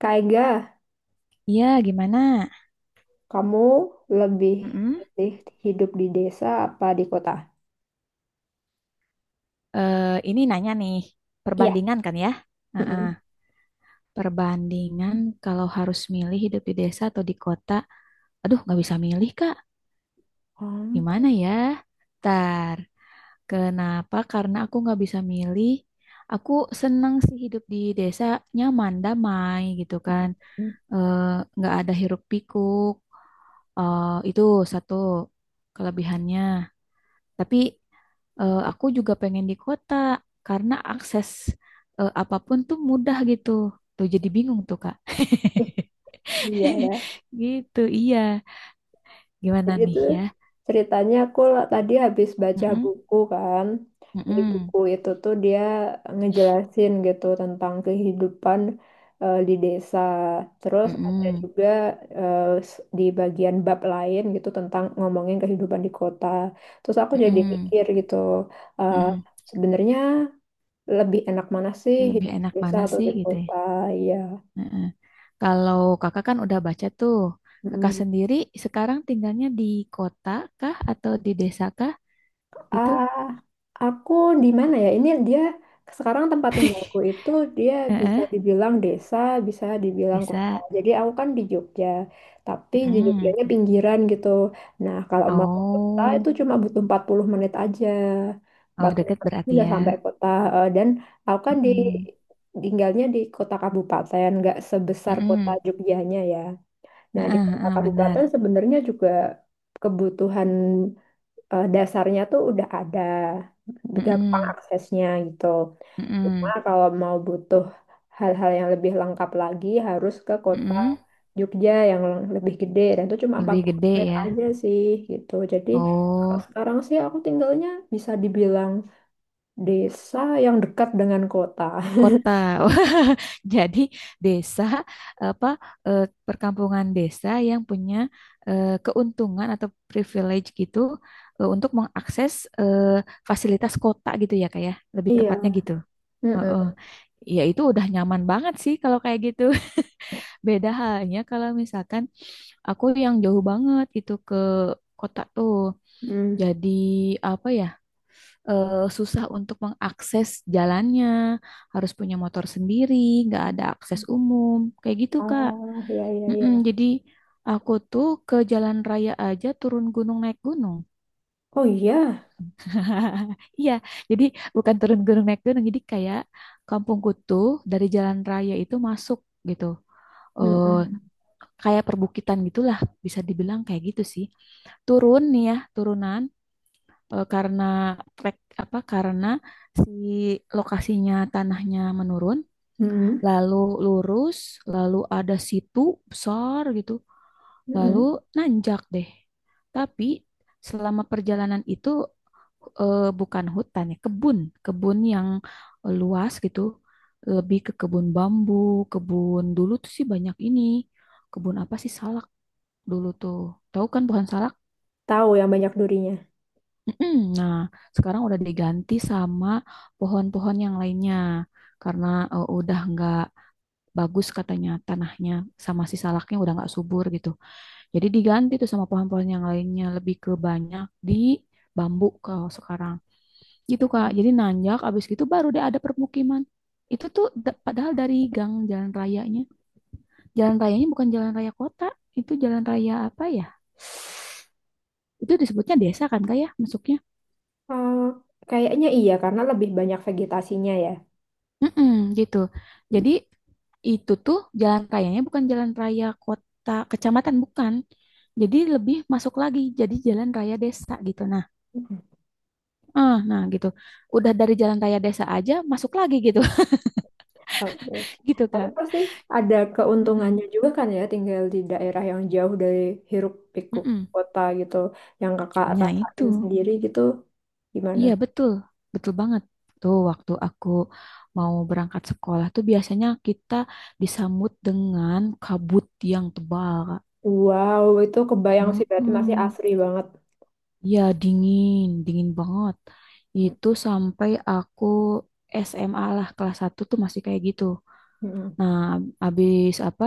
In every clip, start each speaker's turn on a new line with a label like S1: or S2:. S1: Kak Ega,
S2: Iya, gimana?
S1: kamu lebih
S2: Mm-mm.
S1: pilih hidup di desa apa di kota?
S2: Eh, ini nanya nih,
S1: Iya.
S2: perbandingan kan ya? Heeh,
S1: Mm-mm.
S2: perbandingan kalau harus milih hidup di desa atau di kota. Aduh, nggak bisa milih, Kak. Gimana ya? Ntar, kenapa? Karena aku nggak bisa milih. Aku seneng sih hidup di desa, nyaman, damai gitu kan.
S1: Hmm.
S2: Eh, Nggak ada hiruk pikuk. Itu satu kelebihannya. Tapi aku juga pengen di kota karena akses apapun tuh mudah gitu. Tuh jadi bingung tuh Kak.
S1: Iya ya.
S2: Gitu, iya. Gimana
S1: Jadi itu
S2: nih ya?
S1: ceritanya aku tadi habis baca
S2: Mm-mm,
S1: buku kan. Jadi
S2: mm-mm,
S1: buku itu tuh dia ngejelasin gitu tentang kehidupan di desa. Terus ada
S2: mm-mm,
S1: juga eh, di bagian bab lain gitu tentang ngomongin kehidupan di kota. Terus aku jadi
S2: mm-mm,
S1: mikir gitu, eh,
S2: mm-mm.
S1: sebenarnya lebih enak mana sih
S2: Lebih
S1: hidup di
S2: enak
S1: desa
S2: mana
S1: atau
S2: sih
S1: di
S2: gitu ya?
S1: kota? Ya.
S2: Mm-mm. Kalau kakak kan udah baca tuh, kakak
S1: Mm.
S2: sendiri sekarang tinggalnya di kota kah atau di desa kah gitu?
S1: Ah, aku di mana ya? Ini dia sekarang tempat tinggalku itu dia bisa
S2: Heeh,
S1: dibilang desa, bisa dibilang kota.
S2: desa.
S1: Jadi aku kan di Jogja, tapi di
S2: Mm.
S1: Jogjanya pinggiran gitu. Nah, kalau mau ke kota itu
S2: Oh.
S1: cuma butuh 40 menit aja.
S2: Oh,
S1: empat puluh
S2: deket
S1: menit
S2: berarti
S1: udah
S2: ya.
S1: sampai kota. Dan aku kan
S2: Mm-mm.
S1: tinggalnya di kota kabupaten, nggak sebesar kota
S2: Mm-mm.
S1: Jogjanya ya. Nah, di
S2: Heeh,
S1: kota
S2: heeh, benar.
S1: kabupaten sebenarnya juga kebutuhan dasarnya tuh udah ada, gampang
S2: Mm-mm.
S1: aksesnya gitu. Cuma
S2: Mm-mm.
S1: kalau mau butuh hal-hal yang lebih lengkap lagi harus ke kota
S2: Mm-mm.
S1: Jogja yang lebih gede dan itu cuma empat
S2: Lebih
S1: puluh
S2: gede
S1: menit
S2: ya.
S1: aja sih gitu. Jadi kalau
S2: Oh,
S1: sekarang sih aku tinggalnya bisa dibilang desa yang dekat dengan kota.
S2: kota. Wah, jadi desa apa, eh, perkampungan desa yang punya keuntungan atau privilege gitu untuk mengakses eh, fasilitas kota gitu ya kayak lebih
S1: Iya.
S2: tepatnya gitu. Heeh.
S1: Mm-mm.
S2: Ya itu udah nyaman banget sih kalau kayak gitu. Beda halnya kalau misalkan aku yang jauh banget gitu ke kota tuh.
S1: Mm.
S2: Jadi apa ya, susah untuk mengakses jalannya, harus punya motor sendiri, nggak ada akses umum, kayak gitu Kak.
S1: Oh, iya, iya,
S2: Mm-mm,
S1: iya.
S2: jadi aku tuh ke jalan raya aja turun gunung naik gunung.
S1: Oh iya.
S2: Iya, jadi bukan turun gunung naik gunung, jadi kayak kampungku tuh dari jalan raya itu masuk gitu. Eh,
S1: Mm-mm.
S2: kayak perbukitan gitulah bisa dibilang kayak gitu sih turun nih ya turunan karena trek apa karena si lokasinya tanahnya menurun
S1: Mm-mm.
S2: lalu lurus lalu ada situ besar gitu lalu
S1: Mm-mm.
S2: nanjak deh tapi selama perjalanan itu bukan hutan ya kebun kebun yang luas gitu lebih ke kebun bambu kebun dulu tuh sih banyak ini kebun apa sih salah dulu tuh. Tahu kan pohon salak?
S1: Tahu yang banyak durinya.
S2: Mm-mm. Nah, sekarang udah diganti sama pohon-pohon yang lainnya karena udah nggak bagus katanya tanahnya sama si salaknya udah nggak subur gitu. Jadi diganti tuh sama pohon-pohon yang lainnya lebih ke banyak di bambu kalau sekarang. Gitu Kak.
S1: Hmm.
S2: Jadi nanjak abis gitu baru deh ada permukiman. Padahal dari gang jalan rayanya. Jalan rayanya bukan jalan raya kota, itu jalan raya apa ya? Itu disebutnya desa kan Kak ya masuknya?
S1: Eh, kayaknya iya, karena lebih banyak vegetasinya ya.
S2: Mm-mm, gitu. Jadi itu tuh jalan rayanya bukan jalan raya kota kecamatan bukan. Jadi lebih masuk lagi jadi jalan raya desa gitu. Nah, nah gitu. Udah dari jalan raya desa aja masuk lagi gitu.
S1: Oke.
S2: Gitu
S1: Tapi
S2: Kak.
S1: pasti ada
S2: Mm-mm,
S1: keuntungannya juga kan ya, tinggal di daerah yang jauh dari hiruk pikuk
S2: mm-mm.
S1: kota gitu, yang kakak
S2: Nah, itu.
S1: rasain sendiri gitu, gimana?
S2: Iya, betul. Betul banget. Tuh waktu aku mau berangkat sekolah tuh biasanya kita disambut dengan kabut yang tebal, Kak.
S1: Wow, itu kebayang sih berarti masih
S2: Mm-mm.
S1: asri banget.
S2: Ya, dingin, dingin banget. Itu sampai aku SMA lah, kelas satu tuh masih kayak gitu.
S1: Mm-mm.
S2: Nah, habis apa,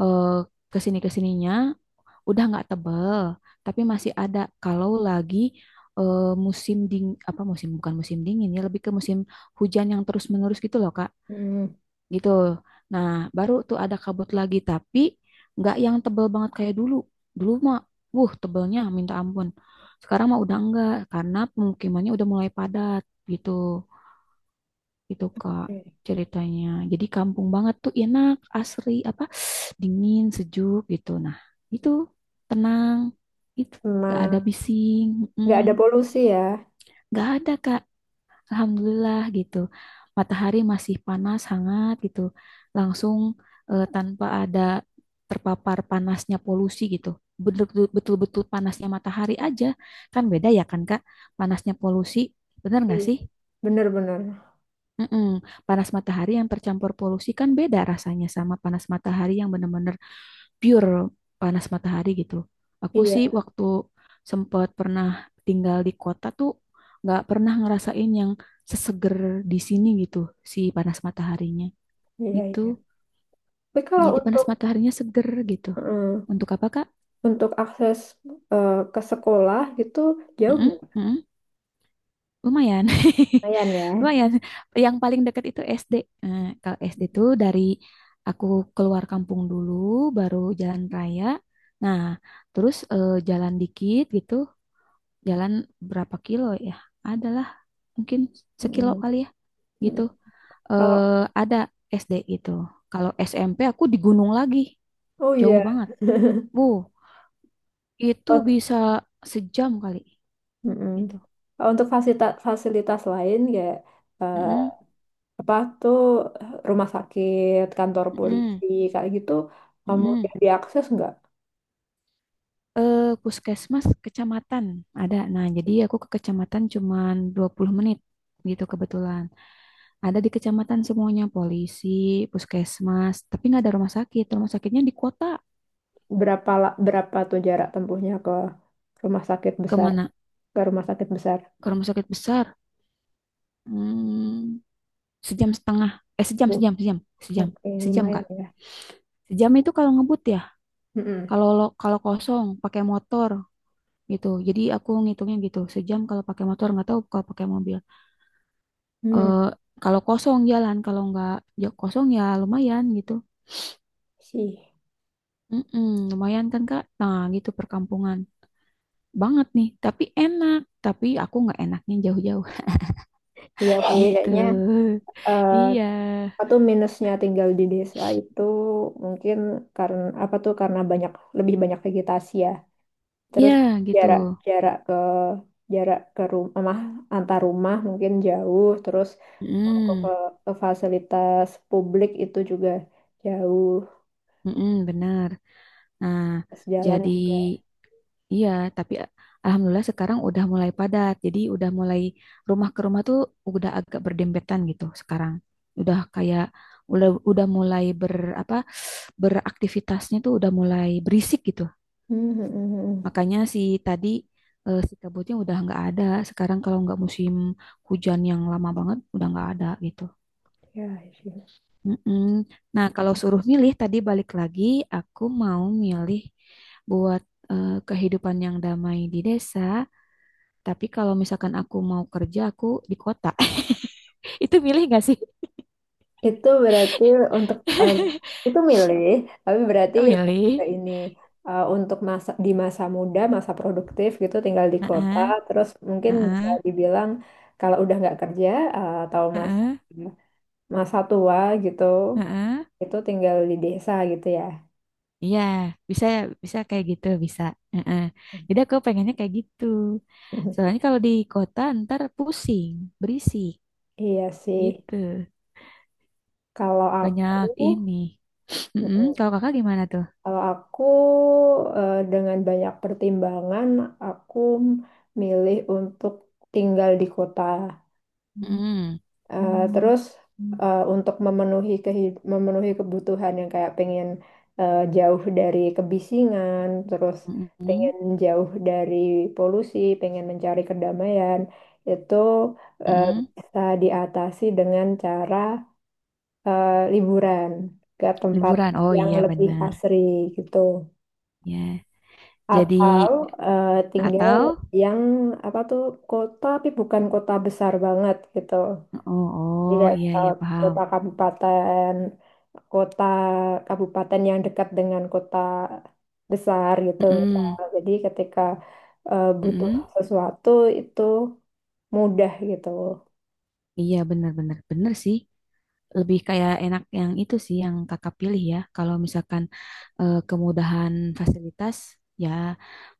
S2: eh, kesini-kesininya udah nggak tebel, tapi masih ada kalau lagi eh, musim, bukan musim dingin ya, lebih ke musim hujan yang terus-menerus gitu loh, Kak
S1: Mm.
S2: gitu. Nah, baru tuh ada kabut lagi, tapi nggak yang tebel banget kayak dulu. Dulu mah, wuh, tebelnya minta ampun. Sekarang mah udah enggak, karena pemukimannya udah mulai padat gitu. Itu Kak
S1: Oke.
S2: ceritanya. Jadi kampung banget tuh enak, asri, apa, dingin, sejuk gitu. Nah, itu tenang, itu nggak ada
S1: Nah,
S2: bising, mm,
S1: nggak ada polusi ya.
S2: nggak ada Kak. Alhamdulillah gitu. Matahari masih panas, hangat gitu. Langsung tanpa ada terpapar panasnya polusi gitu. Betul-betul panasnya matahari aja. Kan beda ya kan Kak? Panasnya polusi, bener nggak
S1: Iya.
S2: sih?
S1: Bener-bener.
S2: Mm-mm. Panas matahari yang tercampur polusi kan beda rasanya sama panas matahari yang benar-benar pure panas matahari gitu. Aku sih
S1: Iya,
S2: waktu sempat pernah tinggal di kota tuh nggak pernah ngerasain yang seseger di sini gitu si panas mataharinya
S1: iya,
S2: gitu.
S1: iya. Tapi kalau
S2: Jadi panas
S1: untuk
S2: mataharinya seger gitu.
S1: Mm.
S2: Untuk apa Kak?
S1: untuk akses ke sekolah gitu jauh
S2: Mm-mm,
S1: nggak?
S2: mm-mm. Lumayan.
S1: Lumayan ya.
S2: Lumayan. Yang paling dekat itu SD. Kalau SD tuh dari aku keluar kampung dulu baru jalan raya. Nah, terus jalan dikit gitu jalan berapa kilo ya? Adalah mungkin sekilo
S1: Mm-mm.
S2: kali ya gitu.
S1: Kalau,
S2: Eh ada SD gitu. Kalau SMP aku di gunung lagi,
S1: oh
S2: jauh
S1: iya.
S2: banget. Bu, itu
S1: Ut-
S2: bisa sejam kali
S1: mm-mm.
S2: gitu.
S1: Kalau untuk fasilitas fasilitas lain kayak eh,
S2: Mm-mm,
S1: apa tuh rumah sakit, kantor
S2: mm-mm,
S1: polisi kayak gitu
S2: mm-mm.
S1: mudah diakses nggak?
S2: Puskesmas kecamatan ada. Nah, jadi aku ke kecamatan cuman 20 menit gitu kebetulan. Ada di kecamatan semuanya polisi, puskesmas, tapi nggak ada rumah sakit. Rumah sakitnya di kota.
S1: Berapa tuh jarak tempuhnya rumah sakit besar
S2: Kemana?
S1: ke rumah sakit besar?
S2: Ke rumah sakit besar. Hmm, sejam setengah. Eh sejam
S1: Oh,
S2: sejam sejam sejam
S1: oke,
S2: sejam Kak.
S1: lumayan ya.
S2: Sejam itu kalau ngebut ya.
S1: Mm-mm.
S2: Kalau kosong pakai motor gitu. Jadi aku ngitungnya gitu. Sejam kalau pakai motor nggak tahu kalau pakai mobil.
S1: Mm,
S2: Eh kalau kosong jalan kalau nggak ya kosong ya lumayan gitu.
S1: Sih,
S2: Mm-mm, lumayan kan Kak. Nah gitu perkampungan banget nih. Tapi enak. Tapi aku nggak enaknya jauh-jauh
S1: iya sih
S2: gitu.
S1: kayaknya. eh,
S2: Iya.
S1: Atau minusnya tinggal di desa itu mungkin karena apa tuh karena lebih banyak vegetasi ya. Terus
S2: Iya gitu.
S1: jarak jarak ke jarak ke rumah antar rumah mungkin jauh. Terus mau ke,
S2: Mm,
S1: fa- ke fasilitas publik itu juga jauh.
S2: mm benar. Nah,
S1: Pas jalan
S2: jadi
S1: juga.
S2: iya, tapi a- alhamdulillah sekarang udah mulai padat. Jadi udah mulai rumah ke rumah tuh udah agak berdempetan gitu sekarang. Udah kayak udah mulai apa beraktivitasnya tuh udah mulai berisik gitu.
S1: Hmm, hmm, hmm, hmm.
S2: Makanya si tadi si kabutnya udah nggak ada. Sekarang kalau nggak musim hujan yang lama banget udah nggak ada gitu.
S1: Ya, sih.
S2: Mm-mm. Nah, kalau suruh milih tadi balik lagi, aku mau milih buat kehidupan yang damai di desa. Tapi kalau misalkan aku mau kerja, aku di kota. Itu milih gak sih?
S1: Itu berarti untuk itu milih, tapi
S2: Itu
S1: berarti lebih ke
S2: milih.
S1: ini untuk masa di masa muda, masa produktif gitu, tinggal di kota,
S2: Heeh,
S1: terus mungkin bisa
S2: heeh,
S1: dibilang kalau udah nggak kerja atau masa
S2: heeh,
S1: masa tua gitu,
S2: heeh.
S1: itu tinggal di desa gitu ya.
S2: Iya, bisa bisa kayak gitu, bisa. Heeh. Jadi aku pengennya kayak gitu. Soalnya kalau di kota ntar pusing, berisik
S1: Iya sih.
S2: gitu.
S1: kalau aku,
S2: Banyak ini. Mm-mm,
S1: Mm-mm.
S2: kalau kakak gimana tuh?
S1: kalau aku dengan banyak pertimbangan, aku milih untuk tinggal di kota.
S2: Mm.
S1: Terus untuk memenuhi kehid- memenuhi kebutuhan yang kayak pengen jauh dari kebisingan, terus pengen
S2: Mm-mm,
S1: jauh dari polusi, pengen mencari kedamaian, itu eh,
S2: mm-mm.
S1: bisa diatasi dengan cara liburan ke tempat
S2: Liburan. Oh
S1: yang
S2: iya
S1: lebih
S2: benar.
S1: asri gitu.
S2: Ya. Jadi
S1: Atau tinggal
S2: atau
S1: yang apa tuh kota tapi bukan kota besar banget gitu.
S2: oh oh
S1: Tidak
S2: iya iya paham.
S1: kota kabupaten, kota kabupaten yang dekat dengan kota besar gitu,
S2: Mm-mm,
S1: misal. Jadi ketika butuh
S2: mm-mm.
S1: sesuatu itu mudah gitu.
S2: Iya benar benar benar sih. Lebih kayak enak yang itu sih yang kakak pilih ya. Kalau misalkan kemudahan fasilitas ya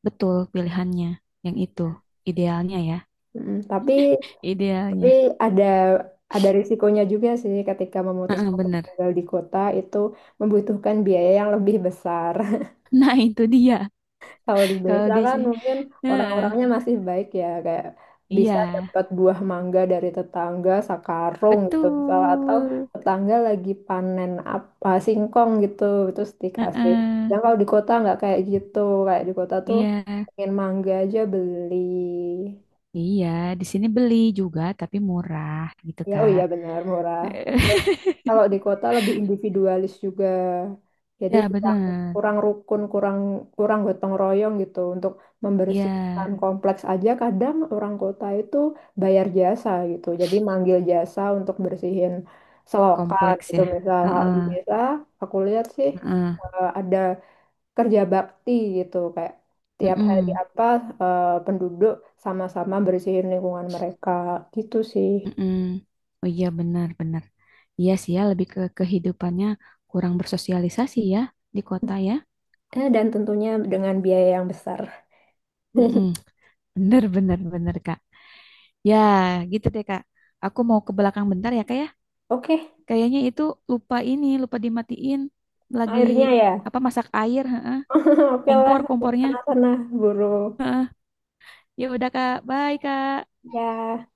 S2: betul pilihannya yang itu idealnya ya.
S1: Mm, tapi tapi
S2: Idealnya.
S1: ada ada risikonya juga sih ketika
S2: Heeh,
S1: memutuskan untuk
S2: benar.
S1: tinggal di kota itu membutuhkan biaya yang lebih besar.
S2: Nah, itu dia.
S1: Kalau di
S2: Kalau
S1: desa
S2: di
S1: kan
S2: sini
S1: mungkin
S2: Heeh,
S1: orang-orangnya masih baik ya, kayak bisa
S2: iya,
S1: dapat buah mangga dari tetangga sakarung gitu misal atau
S2: betul.
S1: tetangga lagi panen apa singkong gitu terus dikasih.
S2: Heeh.
S1: Dan kalau di kota nggak kayak gitu, kayak di kota tuh
S2: Iya,
S1: pengen mangga aja beli.
S2: iya, di sini beli juga tapi murah gitu,
S1: Ya, oh
S2: Kak.
S1: iya benar murah. Terus kalau di kota lebih individualis juga. Jadi
S2: Iya,
S1: kurang
S2: bener.
S1: kurang rukun, kurang kurang gotong royong gitu untuk
S2: Iya,
S1: membersihkan kompleks aja kadang orang kota itu bayar jasa gitu. Jadi manggil jasa untuk bersihin selokan
S2: kompleks
S1: gitu
S2: ya.
S1: misal kalau di
S2: Heeh,
S1: desa aku lihat sih
S2: heeh,
S1: ada kerja bakti gitu kayak tiap hari
S2: mm-mm,
S1: apa penduduk sama-sama bersihin lingkungan mereka gitu sih.
S2: mm-mm. Oh iya, benar-benar. Iya sih ya, lebih ke kehidupannya kurang bersosialisasi ya di kota ya.
S1: Dan tentunya dengan biaya yang besar.
S2: Mm-mm. Bener, bener, bener, Kak. Ya, gitu deh, Kak. Aku mau ke belakang bentar ya, Kak ya.
S1: Oke,
S2: Kayaknya itu lupa ini, lupa dimatiin. Lagi
S1: akhirnya ya.
S2: apa masak air, heeh.
S1: Oke lah,
S2: Kompor, kompornya.
S1: sana-sana, buru.
S2: Ya udah Kak, bye Kak.
S1: Ya.